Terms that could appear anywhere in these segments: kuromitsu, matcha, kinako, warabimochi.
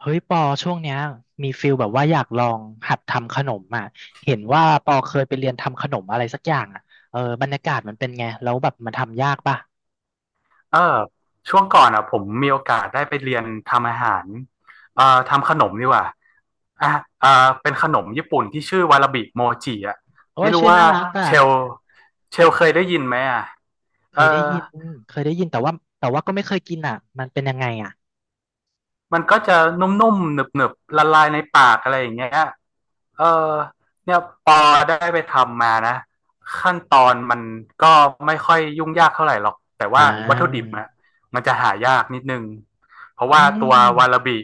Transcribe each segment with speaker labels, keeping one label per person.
Speaker 1: เฮ้ยปอช่วงเนี้ยมีฟิลแบบว่าอยากลองหัดทำขนมอ่ะเห็นว่าปอเคยไปเรียนทำขนมอะไรสักอย่างอ่ะเออบรรยากาศมันเป็นไงแล้วแบบมันทำยากป่ะ
Speaker 2: เออช่วงก่อนอ่ะผมมีโอกาสได้ไปเรียนทำอาหารทำขนมดีกว่าอ่ะเอ่อเป็นขนมญี่ปุ่นที่ชื่อวาราบิโมจิอ่ะ
Speaker 1: โอ้
Speaker 2: ไม่
Speaker 1: ย
Speaker 2: รู้
Speaker 1: ชื่อ
Speaker 2: ว่า
Speaker 1: น่ารักอ่ะ
Speaker 2: เชลเชลเคยได้ยินไหมอ่ะ
Speaker 1: เค
Speaker 2: เอ
Speaker 1: ยได้
Speaker 2: อ
Speaker 1: ยินเคยได้ยินแต่ว่าก็ไม่เคยกินอ่ะมันเป็นยังไงอ่ะ
Speaker 2: มันก็จะนุ่มๆหนึบๆละลายในปากอะไรอย่างเงี้ย เออเนี่ยปอได้ไปทำมานะขั้นตอนมันก็ไม่ค่อยยุ่งยากเท่าไหร่หรอกแต่
Speaker 1: อ่
Speaker 2: ว่าวัตถุดิบ
Speaker 1: า
Speaker 2: อะมันจะหายากนิดนึงเพราะ
Speaker 1: อื
Speaker 2: ว่าตัววาลา
Speaker 1: ม
Speaker 2: บิ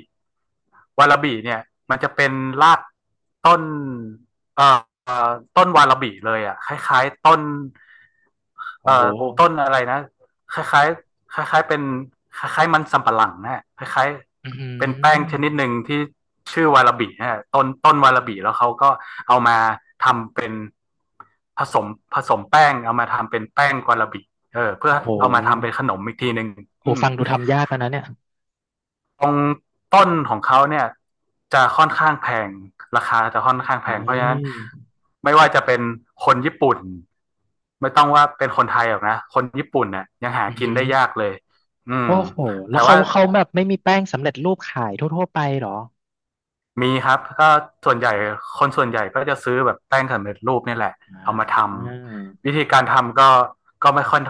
Speaker 2: วาลาบิเนี่ยมันจะเป็นรากต้นเอ่อเอ่อต้นวาลาบิเลยอะคล้ายๆต้น
Speaker 1: โอ้
Speaker 2: เอ่
Speaker 1: โห
Speaker 2: อต้นอะไรนะ คล้ายๆคล้ายๆเป็นคล้ายๆมันสำปะหลังนะะคล้าย
Speaker 1: อื
Speaker 2: ๆเป็นแป้งชนิด
Speaker 1: ม
Speaker 2: หนึ่งที่ชื่อวาลาบินะะต้นวาลาบิแล้วเขาก็เอามาทำเป็นผสมผสมแป้งเอามาทำเป็นแป้งวาลาบิเออเพื่อ
Speaker 1: โอ้โห
Speaker 2: เอามาทำเป็นขนมอีกทีหนึ่ง
Speaker 1: โอ้
Speaker 2: อืม
Speaker 1: ฟังดูทำยากแล้วนะเนี่ย
Speaker 2: ตรงต้นของเขาเนี่ยจะค่อนข้างแพงราคาจะค่อนข้าง
Speaker 1: ไอ
Speaker 2: แพงเพราะฉะนั้น
Speaker 1: ้
Speaker 2: ไม่ว่าจะเป็นคนญี่ปุ่นไม่ต้องว่าเป็นคนไทยหรอกนะคนญี่ปุ่นเนี่ยยังหา
Speaker 1: อือ
Speaker 2: กิ
Speaker 1: หื
Speaker 2: น
Speaker 1: อ
Speaker 2: ได้ยากเลยอืม
Speaker 1: โอ้โหแล้
Speaker 2: แต่
Speaker 1: วเขา
Speaker 2: ว่า
Speaker 1: เขาแบบไม่มีแป้งสำเร็จรูปขายทั่วๆไปเหรอ
Speaker 2: มีครับส่วนใหญ่คนส่วนใหญ่ก็จะซื้อแบบแป้งสำเร็จรูปนี่แหละ
Speaker 1: อ่า
Speaker 2: เอามาทำวิธีการทำก็ก็ไม่ค่อย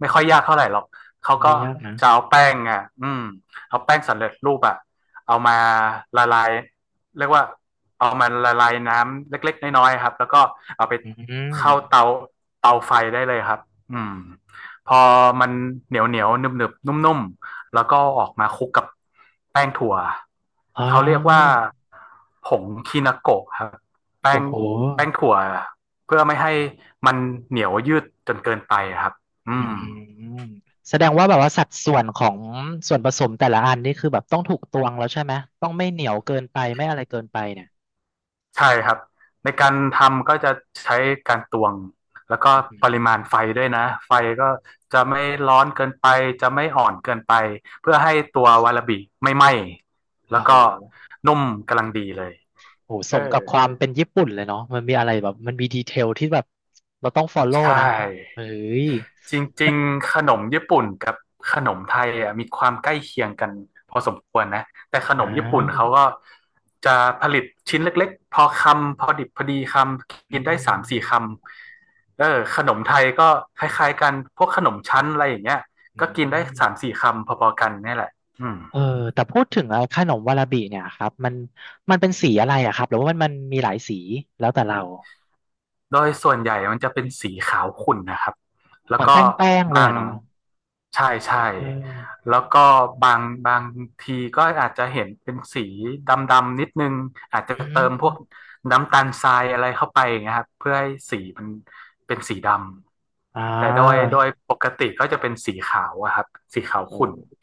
Speaker 2: ไม่ค่อยยากเท่าไหร่หรอกเขา
Speaker 1: ไม่
Speaker 2: ก็
Speaker 1: ยากนะ
Speaker 2: จะเอาแป้งอ่ะอืมเอาแป้งสำเร็จรูปอ่ะเอามาละลายเรียกว่าเอามาละลายน้ำเล็กๆน้อยๆครับแล้วก็เอาไป
Speaker 1: อืม
Speaker 2: เข้าเตาเตาไฟได้เลยครับอืมพอมันเหนียวเหนียวหนึบหนึบนุ่มๆแล้วก็ออกมาคลุกกับแป้งถั่ว
Speaker 1: อ๋อ
Speaker 2: เขาเรียกว่า ผงคินาโกะครับแป้
Speaker 1: โอ้
Speaker 2: ง
Speaker 1: โห
Speaker 2: แป้งถั่วเพื่อไม่ให้มันเหนียวยืดจนเกินไปครับอื
Speaker 1: อื
Speaker 2: ม
Speaker 1: มแสดงว่าแบบว่าสัดส่วนของส่วนผสมแต่ละอันนี่คือแบบต้องถูกตวงแล้วใช่ไหม ต้องไม่เหนียวเกินไปไม่อะไรเกินไปเนี่ย
Speaker 2: ใช่ครับในการทำก็จะใช้การตวงแล้วก็
Speaker 1: อื
Speaker 2: ปริมา
Speaker 1: ม
Speaker 2: ณไฟด้วยนะไฟก็จะไม่ร้อนเกินไปจะไม่อ่อนเกินไปเพื่อให้ตัววาลาบิไม่ไหม้
Speaker 1: โอ้
Speaker 2: แล้ว
Speaker 1: โห
Speaker 2: ก็นุ่มกำลังดีเลย
Speaker 1: โอ้โหส
Speaker 2: เอ
Speaker 1: ม
Speaker 2: อ
Speaker 1: กับความเป็นญี่ปุ่นเลยเนาะมันมีอะไรแบบมันมีดีเทลที่แบบเราต้องฟอลโล่
Speaker 2: ใช
Speaker 1: นะเฮ้
Speaker 2: ่
Speaker 1: ย
Speaker 2: จริ
Speaker 1: มัน
Speaker 2: งๆขนมญี่ปุ่นกับขนมไทยอ่ะมีความใกล้เคียงกันพอสมควรนะแต่ข
Speaker 1: อ่
Speaker 2: นมญี่ปุ่นเขา
Speaker 1: า
Speaker 2: ก็จะผลิตชิ้นเล็กๆพอคำพอดิบพอดีคำ
Speaker 1: อื
Speaker 2: กินได้สามสี่ค
Speaker 1: ม
Speaker 2: ำเออขนมไทยก็คล้ายๆกันพวกขนมชั้นอะไรอย่างเงี้ย
Speaker 1: อื
Speaker 2: ก็กินได้สาม
Speaker 1: ม
Speaker 2: สี่คำพอๆกันนี่แหละอืม
Speaker 1: เออแต่พูดถึงไอ้ขนมวาราบิเนี่ยครับมันเป็นสีอะไรอะครับหรือว่ามันมีหลายสีแล้วแต่เรา
Speaker 2: โดยส่วนใหญ่มันจะเป็นสีขาวขุ่นนะครับ
Speaker 1: เห
Speaker 2: แล้ว
Speaker 1: มือน
Speaker 2: ก็
Speaker 1: แป้งเลย
Speaker 2: บาง
Speaker 1: อะเนาะ
Speaker 2: ใช่ใช่
Speaker 1: เออ
Speaker 2: แล้วก็บางทีก็อาจจะเห็นเป็นสีดำๆนิดนึง อาจ
Speaker 1: อื
Speaker 2: จะเติ
Speaker 1: ม
Speaker 2: มพวกน้ำตาลทรายอะไรเข้าไปอย่างเงี้ยครับเพื่อให้สีมันเป็นสีด
Speaker 1: อ่
Speaker 2: ำ แต่โดย
Speaker 1: า
Speaker 2: โดยปกติก็จะเป็นสีขาวอะครับสีขาว
Speaker 1: โอ
Speaker 2: ขุ่น
Speaker 1: ้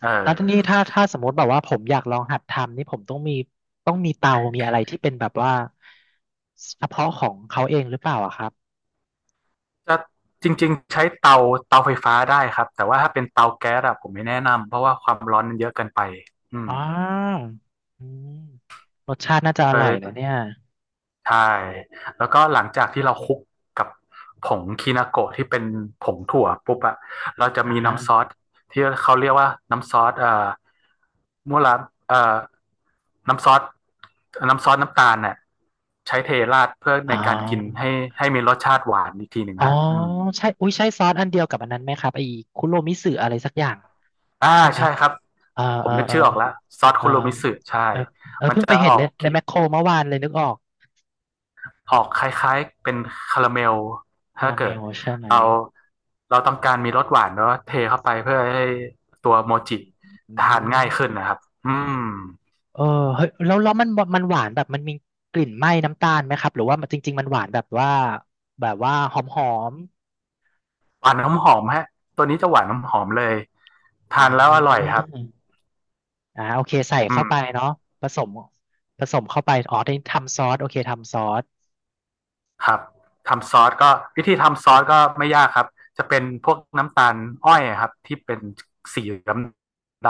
Speaker 2: เออ
Speaker 1: แล้วทีนี้ถ้าสมมติแบบว่าผมอยากลองหัดทำนี่ผมต้องมีเตา มีอะไรที่เป็นแบบว่าเฉพาะของเขาเองหรือเปล่าอะครับ
Speaker 2: จะจริงๆใช้เตาเตาไฟฟ้าได้ครับ แต่ว่าถ้าเป็นเตาแก๊สอะผมไม่แนะนำเพราะว่าความร้อนมันเยอะเกินไปอื
Speaker 1: อ่
Speaker 2: ม
Speaker 1: าอืมรสชาติน่าจะอ
Speaker 2: โด
Speaker 1: ร่อยนะ
Speaker 2: ย
Speaker 1: เนี่ย
Speaker 2: ใช่แล้วก็หลังจากที่เราคลุกกับผงคินาโกะที่เป็นผงถั่วปุ๊บอะเราจะ
Speaker 1: อ่า
Speaker 2: มี
Speaker 1: ฮะ
Speaker 2: น้ำซอสที่เขาเรียกว่าน้ำซอสมุระเอ่อน้ำซอสน้ำซอสน้ำตาลเนี่ยใช้เทราดเพื่อ
Speaker 1: อ๋
Speaker 2: ใน
Speaker 1: อ
Speaker 2: การกินให้ให้มีรสชาติหวานอีกทีหนึ่ง
Speaker 1: อ๋อ
Speaker 2: ฮะอืม
Speaker 1: ใช่อุ้ยใช่ซอสอันเดียวกับอันนั้นไหมครับไอ้คุโรมิสึอะไรสักอย่าง
Speaker 2: อ่า
Speaker 1: ใช่ไหม
Speaker 2: ใช่ครับ
Speaker 1: เออ
Speaker 2: ผ
Speaker 1: เอ
Speaker 2: ม
Speaker 1: อ
Speaker 2: นึก
Speaker 1: เออ
Speaker 2: ชื่อออกแล้วซอส
Speaker 1: เอ
Speaker 2: คุ
Speaker 1: อ
Speaker 2: โรมิสึใช่
Speaker 1: เออเออ
Speaker 2: มัน
Speaker 1: เพิ่ง
Speaker 2: จะ
Speaker 1: ไปเห็
Speaker 2: อ
Speaker 1: น
Speaker 2: อ
Speaker 1: ใน
Speaker 2: ก
Speaker 1: แมคโครเมื่อวานเลยนึกออก
Speaker 2: ออกคล้ายๆเป็นคาราเมล
Speaker 1: คา
Speaker 2: ถ้า
Speaker 1: ราเม
Speaker 2: เกิด
Speaker 1: ลใช่ไหม
Speaker 2: เราเราต้องการมีรสหวานเนาะเทเข้าไปเพื่อให้ตัวโมจิ
Speaker 1: อื
Speaker 2: ทานง่ายขึ้น
Speaker 1: ม
Speaker 2: นะครับอืม
Speaker 1: เออเฮ้ยแล้วมันหวานแบบมันมีกลิ่นไหม้น้ำตาลไหมครับหรือว่ามันจริงๆมันหวานแบบว่าหอมม
Speaker 2: หวานน้ำหอมฮะตัวนี้จะหวานน้ำหอมเลย
Speaker 1: อ่
Speaker 2: ทานแล้วอร่อย
Speaker 1: า
Speaker 2: ครับ
Speaker 1: อ่าโอเคใส่
Speaker 2: อื
Speaker 1: เข้าไป
Speaker 2: ม
Speaker 1: เนาะผสมเข้าไปอ๋อได้ทำซอสโอเคทำซอส
Speaker 2: ครับทำซอสก็วิธีทำซอสก็ไม่ยากครับจะเป็นพวกน้ำตาลอ้อยครับที่เป็นสีดด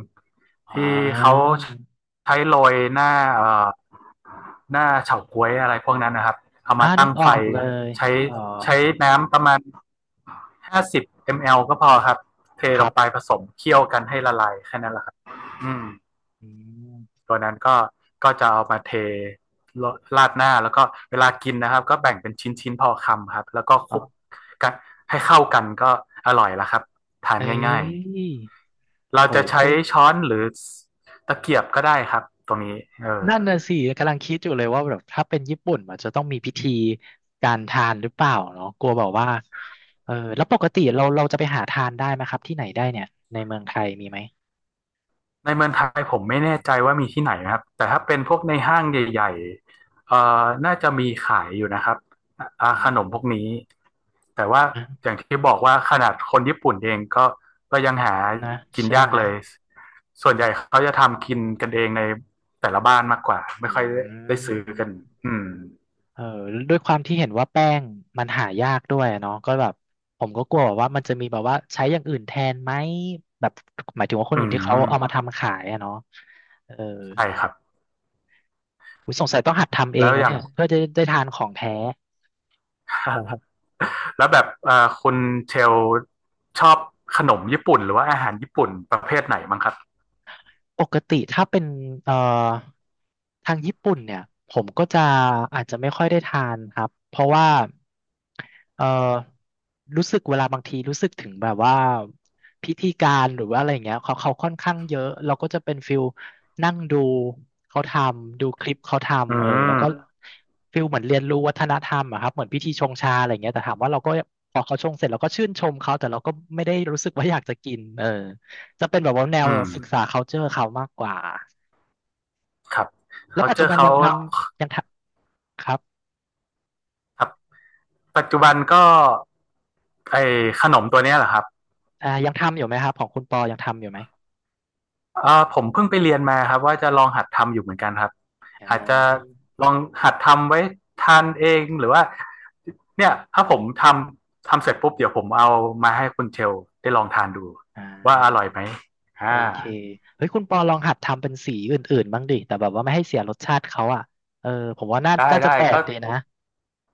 Speaker 2: ำ
Speaker 1: อ่
Speaker 2: ที่เขา
Speaker 1: า
Speaker 2: ใช้โรยหน้าหน้าเฉาก๊วยอะไรพวกนั้นนะครับเอา
Speaker 1: อ่า
Speaker 2: มา
Speaker 1: นึ
Speaker 2: ตั้
Speaker 1: ก
Speaker 2: ง
Speaker 1: อ
Speaker 2: ไฟ
Speaker 1: อกเลย
Speaker 2: ใช้
Speaker 1: นึกออก
Speaker 2: ใช้น้ำประมาณ50 ml ก็พอครับเท
Speaker 1: ค
Speaker 2: ล
Speaker 1: รั
Speaker 2: งไป
Speaker 1: บ
Speaker 2: ผสมเคี่ยวกันให้ละลายแค่นั้นแหละครับอืม
Speaker 1: อืม
Speaker 2: ตัวนั้นก็ก็จะเอามาเทราดหน้าแล้วก็เวลากินนะครับก็แบ่งเป็นชิ้นๆพอคำครับแล้วก็ค
Speaker 1: อ๋อ
Speaker 2: ลุกกันให้เข้ากันก็อร่อยแล้วครับทาน
Speaker 1: เอ้
Speaker 2: ง่าย
Speaker 1: ย
Speaker 2: ๆเรา
Speaker 1: โห
Speaker 2: จะ
Speaker 1: ย
Speaker 2: ใช้
Speaker 1: พูด
Speaker 2: ช้อนหรือตะเกียบก็ได้ครับตรงนี้เออ
Speaker 1: นั่นน่ะสิกำลังคิดอยู่เลยว่าแบบถ้าเป็นญี่ปุ่นมันจะต้องมีพิธีการทานหรือเปล่าเนาะกลัวแบบว่าเออแล้วปกติเราจะไปหาทานได้ไหมครับที่ไหนได้เนี่ยในเมืองไทยมีไหม
Speaker 2: ในเมืองไทยผมไม่แน่ใจว่ามีที่ไหนนะครับแต่ถ้าเป็นพวกในห้างใหญ่ๆน่าจะมีขายอยู่นะครับอ่า
Speaker 1: อื
Speaker 2: ขนมพวกนี้
Speaker 1: ม
Speaker 2: แต่ว่า
Speaker 1: อ่ะ
Speaker 2: อย่างที่บอกว่าขนาดคนญี่ปุ่นเองก็ก็ยังหา
Speaker 1: นะ
Speaker 2: กิน
Speaker 1: ใช่
Speaker 2: ยา
Speaker 1: ไห
Speaker 2: ก
Speaker 1: ม
Speaker 2: เลย ส่วนใหญ่เขาจะทำกินกันเองในแต่ละบ้านมากกว่า
Speaker 1: อ
Speaker 2: ไม่ค่อยได้
Speaker 1: ื
Speaker 2: ซื้อกัน
Speaker 1: ม
Speaker 2: อืม
Speaker 1: เออด้วยความที่เห็นว่าแป้งมันหายากด้วยอะเนาะก็แบบผมก็กลัวแบบว่ามันจะมีแบบว่าใช้อย่างอื่นแทนไหมแบบหมายถึงว่าคน
Speaker 2: อื
Speaker 1: อื่นที่เขา
Speaker 2: ม
Speaker 1: เอามาทำขายอะเนาะเออ
Speaker 2: ใช่ครับ
Speaker 1: อุ๊ยสงสัยต้องหัดทำเอ
Speaker 2: แล้
Speaker 1: ง
Speaker 2: ว
Speaker 1: นะ
Speaker 2: อย่า
Speaker 1: เนี่
Speaker 2: ง
Speaker 1: ยเพื่อจะได้ทานของแท้
Speaker 2: แล้วแบบคุณเชลชอบขนมญี่ปุ่นหรือว่าอาหารญี่ปุ่นประเภทไหนมั้งครับ
Speaker 1: ปกติถ้าเป็นเอ่อทางญี่ปุ่นเนี่ยผมก็จะอาจจะไม่ค่อยได้ทานครับเพราะว่าเอ่อรู้สึกเวลาบางทีรู้สึกถึงแบบว่าพิธีการหรือว่าอะไรอย่างเงี้ยเขาค่อนข้างเยอะเราก็จะเป็นฟิลนั่งดูเขาทำดูคลิปเขา
Speaker 2: อื
Speaker 1: ทำเออแล้วก็
Speaker 2: ม
Speaker 1: ฟิลเหมือนเรียนรู้วัฒนธรรมอะครับเหมือนพิธีชงชาอะไรอย่างเงี้ยแต่ถามว่าเราก็พอเขาชงเสร็จเราก็ชื่นชมเขาแต่เราก็ไม่ได้รู้สึกว่าอยากจะกินเออ จะเป็นแบบว่าแนว
Speaker 2: อืม
Speaker 1: ศึกษา culture เขามากกว่า
Speaker 2: ครับ
Speaker 1: แล้ว
Speaker 2: เขา
Speaker 1: ปัจ
Speaker 2: เจ
Speaker 1: จุ
Speaker 2: อ
Speaker 1: บัน
Speaker 2: เขา
Speaker 1: ยังทำยังทำครับ
Speaker 2: ครับปัจจุบันก็ไอขนมตัวเนี้ยแหละครับ
Speaker 1: อ่ายังทำอยู่ไหมครับของคุณปอยังทำอยู่ไหม
Speaker 2: อ่าผมเพิ่งไปเรียนมาครับว่าจะลองหัดทำอยู่เหมือนกันครับ
Speaker 1: อ่
Speaker 2: อาจจะ
Speaker 1: า
Speaker 2: ลองหัดทำไว้ทานเองหรือว่าเนี่ยถ้าผมทำเสร็จปุ๊บเดี๋ยวผมเอามาให้คุณเชลได้ลองทานดู
Speaker 1: อ่
Speaker 2: ว่าอร่
Speaker 1: า
Speaker 2: อยไหม
Speaker 1: โอ
Speaker 2: อ่า
Speaker 1: เคเฮ้ยคุณปอลองหัดทำเป็นสีอื่นๆบ้างดิแต่แบบว่าไม่ให้เสียรสชาติเขาอ่ะเออผมว่า
Speaker 2: ได้
Speaker 1: น่าจะ
Speaker 2: ได้
Speaker 1: แปลก
Speaker 2: ก็
Speaker 1: ดีนะ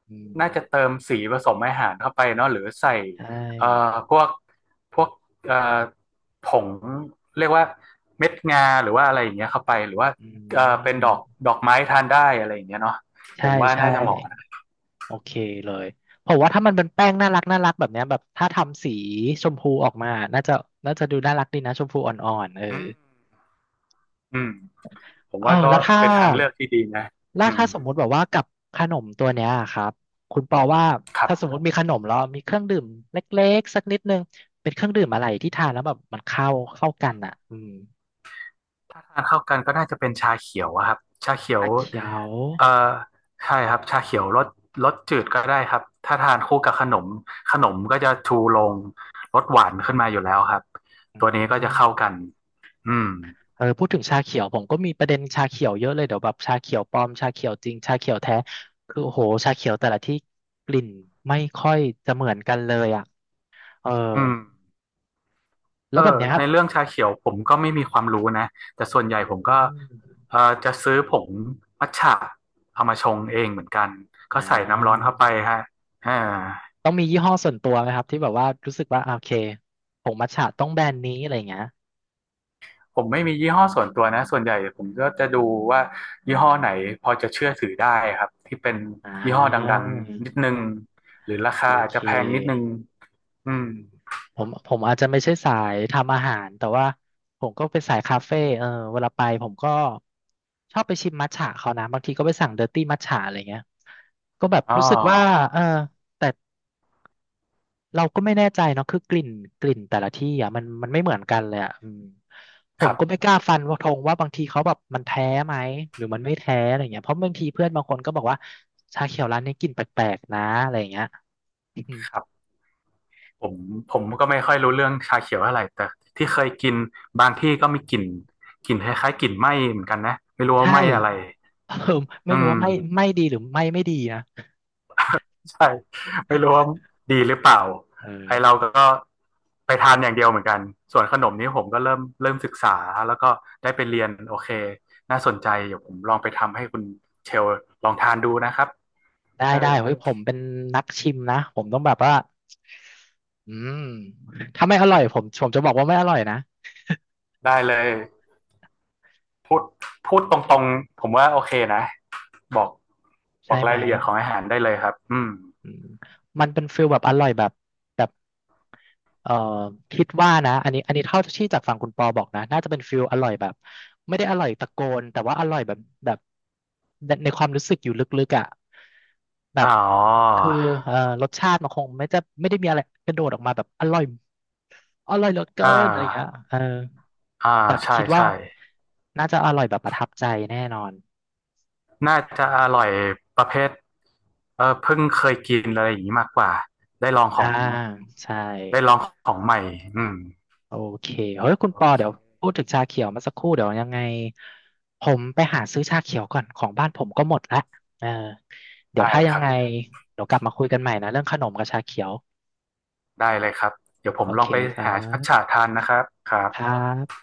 Speaker 1: อืม
Speaker 2: น่าจะเติมสีผสมอาหารเข้าไปเนาะหรือใส่
Speaker 1: ใช
Speaker 2: เอ่อ
Speaker 1: ่
Speaker 2: พวกพวกเอ่อผงเรียกว่าเม็ดงาหรือว่าอะไรอย่างเงี้ยเข้าไปหรือว่า
Speaker 1: อื
Speaker 2: เป็นดอก
Speaker 1: ม
Speaker 2: ดอกไม้ทานได้อะไรอย่างเงี้ยเนาะผ
Speaker 1: ใช่
Speaker 2: มว่า
Speaker 1: ใช่
Speaker 2: น่าจะเหมาะ
Speaker 1: โอเค
Speaker 2: อืม
Speaker 1: เลยผมว่าถ้ามันเป็นแป้งน่ารักแบบเนี้ยแบบถ้าทำสีชมพูออกมาน่าจะดูน่ารักดีนะชมพูอ่อนๆเออ
Speaker 2: อืมอืมผม
Speaker 1: เออ
Speaker 2: ว่าก็
Speaker 1: แล้วถ้า
Speaker 2: เป็นทางเลือกที่ดีนะอืม
Speaker 1: สมมุติแบบว่ากับขนมตัวเนี้ยครับคุณปอว่า
Speaker 2: ครั
Speaker 1: ถ้าสม
Speaker 2: บ
Speaker 1: มติมีขนมแล้วมีเครื่องดื่มเล็กๆสักนิดนึงเป็นเครื่องดื่มอะไรที่ทานแล้วแบบมันเข้ากันอ่ะอืม
Speaker 2: ถ้าทานเข้ากันก็น่าจะเป็นชาเขียวอะครับชาเขียว
Speaker 1: ชาเขียว
Speaker 2: เอ่อใช่ครับชาเขียวรสจืดก็ได้ครับถ้าทานคู่กับขนมขนมก็จะชูลงรสหวานขึ้นมาอยู่แล้วครับ
Speaker 1: อื
Speaker 2: ตัวนี้ก็จะ
Speaker 1: ม
Speaker 2: เข้ากันอืม
Speaker 1: เออพูดถึงชาเขียวผมก็มีประเด็นชาเขียวเยอะเลยเดี๋ยวแบบชาเขียวปลอมชาเขียวจริงชาเขียวแท้คือโอ้โหชาเขียวแต่ละที่กลิ่นไม่ค่อยจะเหมือนกันเลยอ่ะเออ
Speaker 2: อืม
Speaker 1: แล้
Speaker 2: เออ
Speaker 1: วแบบเนี้ยครั
Speaker 2: ใน
Speaker 1: บ
Speaker 2: เรื่องชาเขียวผมก็ไม่มีความรู้นะแต่ส่วนใหญ่
Speaker 1: อื
Speaker 2: ผมก็
Speaker 1: ม
Speaker 2: เออจะซื้อผงมัทฉะเอามาชงเองเหมือนกัน
Speaker 1: อ่
Speaker 2: ก็ใส่น้ำร้อนเข้าไป
Speaker 1: า
Speaker 2: ฮะเอา
Speaker 1: ต้องมียี่ห้อส่วนตัวไหมครับที่แบบว่ารู้สึกว่าอ่ะโอเคผงมัทฉะต้องแบรนด์นี้อะไรอย่างเงี้ย
Speaker 2: ผมไม่มียี่ห้อส่วนตัวนะส่วนใหญ่ผมก็จะดูว่ายี่ห้อไหนพอจะเชื่อถือได้ครับที่เป็น
Speaker 1: อ่
Speaker 2: ยี่ห้อดั
Speaker 1: า
Speaker 2: งๆนิดนึงหรือรา
Speaker 1: โอ
Speaker 2: คาอาจ
Speaker 1: เค
Speaker 2: จะแพงนิดนึงอืม
Speaker 1: ผมอาจจะไม่ใช่สายทำอาหารแต่ว่าผมก็เป็นสายคาเฟ่เออเวลาไปผมก็ชอบไปชิมมัทฉะเขานะบางทีก็ไปสั่งเดอร์ตี้มัทฉะอะไรเงี้ยก็แบบ
Speaker 2: อ๋อ
Speaker 1: รู้สึกว่าเออแต่ เราก็ไม่แน่ใจเนาะคือกลิ่นแต่ละที่อ่ะมันไม่เหมือนกันเลยอ่ะอืมผ
Speaker 2: ค
Speaker 1: ม
Speaker 2: รั
Speaker 1: ก็ไม่
Speaker 2: บ
Speaker 1: กล้าฟันว่าธงว่าบางทีเขาแบบมันแท้ไหมหรือมันไม่แท้อะไรเงี้ยเพราะบางทีเพื่อนบางคนก็บอกว่าชาเขียวร้านนี้กลิ่นแปลกๆนะอะไรเงี้ย อืม
Speaker 2: ครับ ผมผมก็ไม่ค่อยรู้เรื่องชาเขียวเท่าไหร่แต่ที่เคยกินบางที่ก็มีกลิ่นกลิ่นคล้ายๆกลิ่นไหม้เหมือนกันนะไม่รู้ว่า
Speaker 1: ใช่
Speaker 2: ไหม้อะไร
Speaker 1: เออไม่
Speaker 2: อื
Speaker 1: รู้
Speaker 2: ม
Speaker 1: ว่าไม่ดีหรือไม่ดีนะ
Speaker 2: ใช่ไม่รู้ว่าดีหรือเปล่า
Speaker 1: เออ
Speaker 2: ไอเราก็ไปทานอย่างเดียวเหมือนกันส่วนขนมนี้ผมก็เริ่มศึกษาแล้วก็ได้ไปเรียนโอเคน่าสนใจเดี๋ยวผมลองไปทำให้คุณเชลลองทานดูนะครับ
Speaker 1: ได้
Speaker 2: เออ
Speaker 1: ได้เฮ้ยผมเป็นนักชิมนะผมต้องแบบว่าอืมถ้าไม่อร่อยผมจะบอกว่าไม่อร่อยนะ
Speaker 2: ได้เลยพูดพูดตรงๆผมว่าโอเคนะบอกบ
Speaker 1: ใช่
Speaker 2: อก
Speaker 1: ไห
Speaker 2: รา
Speaker 1: ม
Speaker 2: ยละเอียดของอาหารได้เลยครับอืม
Speaker 1: อืมมันเป็นฟิลแบบอร่อยแบบแบบเอ่อคิดว่านะอันนี้เท่าที่จากฝั่งคุณปอบอกนะน่าจะเป็นฟิลอร่อยแบบไม่ได้อร่อยตะโกนแต่ว่าอร่อยแบบแบบในความรู้สึกอยู่ลึกๆอ่ะแบ
Speaker 2: อ๋
Speaker 1: บ
Speaker 2: อ
Speaker 1: คือเอ่อรสชาติมันคงไม่จะไม่ได้มีอะไรกระโดดออกมาแบบอร่อยเหลือเกิ
Speaker 2: อ่
Speaker 1: นอะไรอย่างเงี้ย
Speaker 2: า
Speaker 1: เออ
Speaker 2: อ่า
Speaker 1: แต่
Speaker 2: ใช่
Speaker 1: คิดว่า
Speaker 2: ใช่
Speaker 1: น่าจะอร่อยแบบประทับใจแน่นอน
Speaker 2: น่าจะอร่อยประเภทเออเพิ่งเคยกินอะไรอย่างนี้มากกว่า ได้ลองข
Speaker 1: อ่า
Speaker 2: อง
Speaker 1: ใช่
Speaker 2: ได้ลองของใหม่อืม
Speaker 1: โอเคเฮ้ยคุณ
Speaker 2: โอ
Speaker 1: ปอ
Speaker 2: เค
Speaker 1: เดี๋ยวพูดถึงชาเขียวมาสักครู่ เดี๋ยวยังไงผมไปหาซื้อชาเขียวก่อน ของบ้านผมก็หมดละเออเดี๋ย
Speaker 2: ได้
Speaker 1: วถ้ายั
Speaker 2: ค
Speaker 1: ง
Speaker 2: รั
Speaker 1: ไง
Speaker 2: บ
Speaker 1: เดี๋ยวกลับมาคุยกันใหม่นะเรื่องขนมกับชาเขียว
Speaker 2: ได้เลยครับ เดี๋ยวผ
Speaker 1: โอ
Speaker 2: มลอ
Speaker 1: เค
Speaker 2: งไป
Speaker 1: ครั
Speaker 2: หามัทฉะ
Speaker 1: บ
Speaker 2: ทานนะครับครับ
Speaker 1: ครับ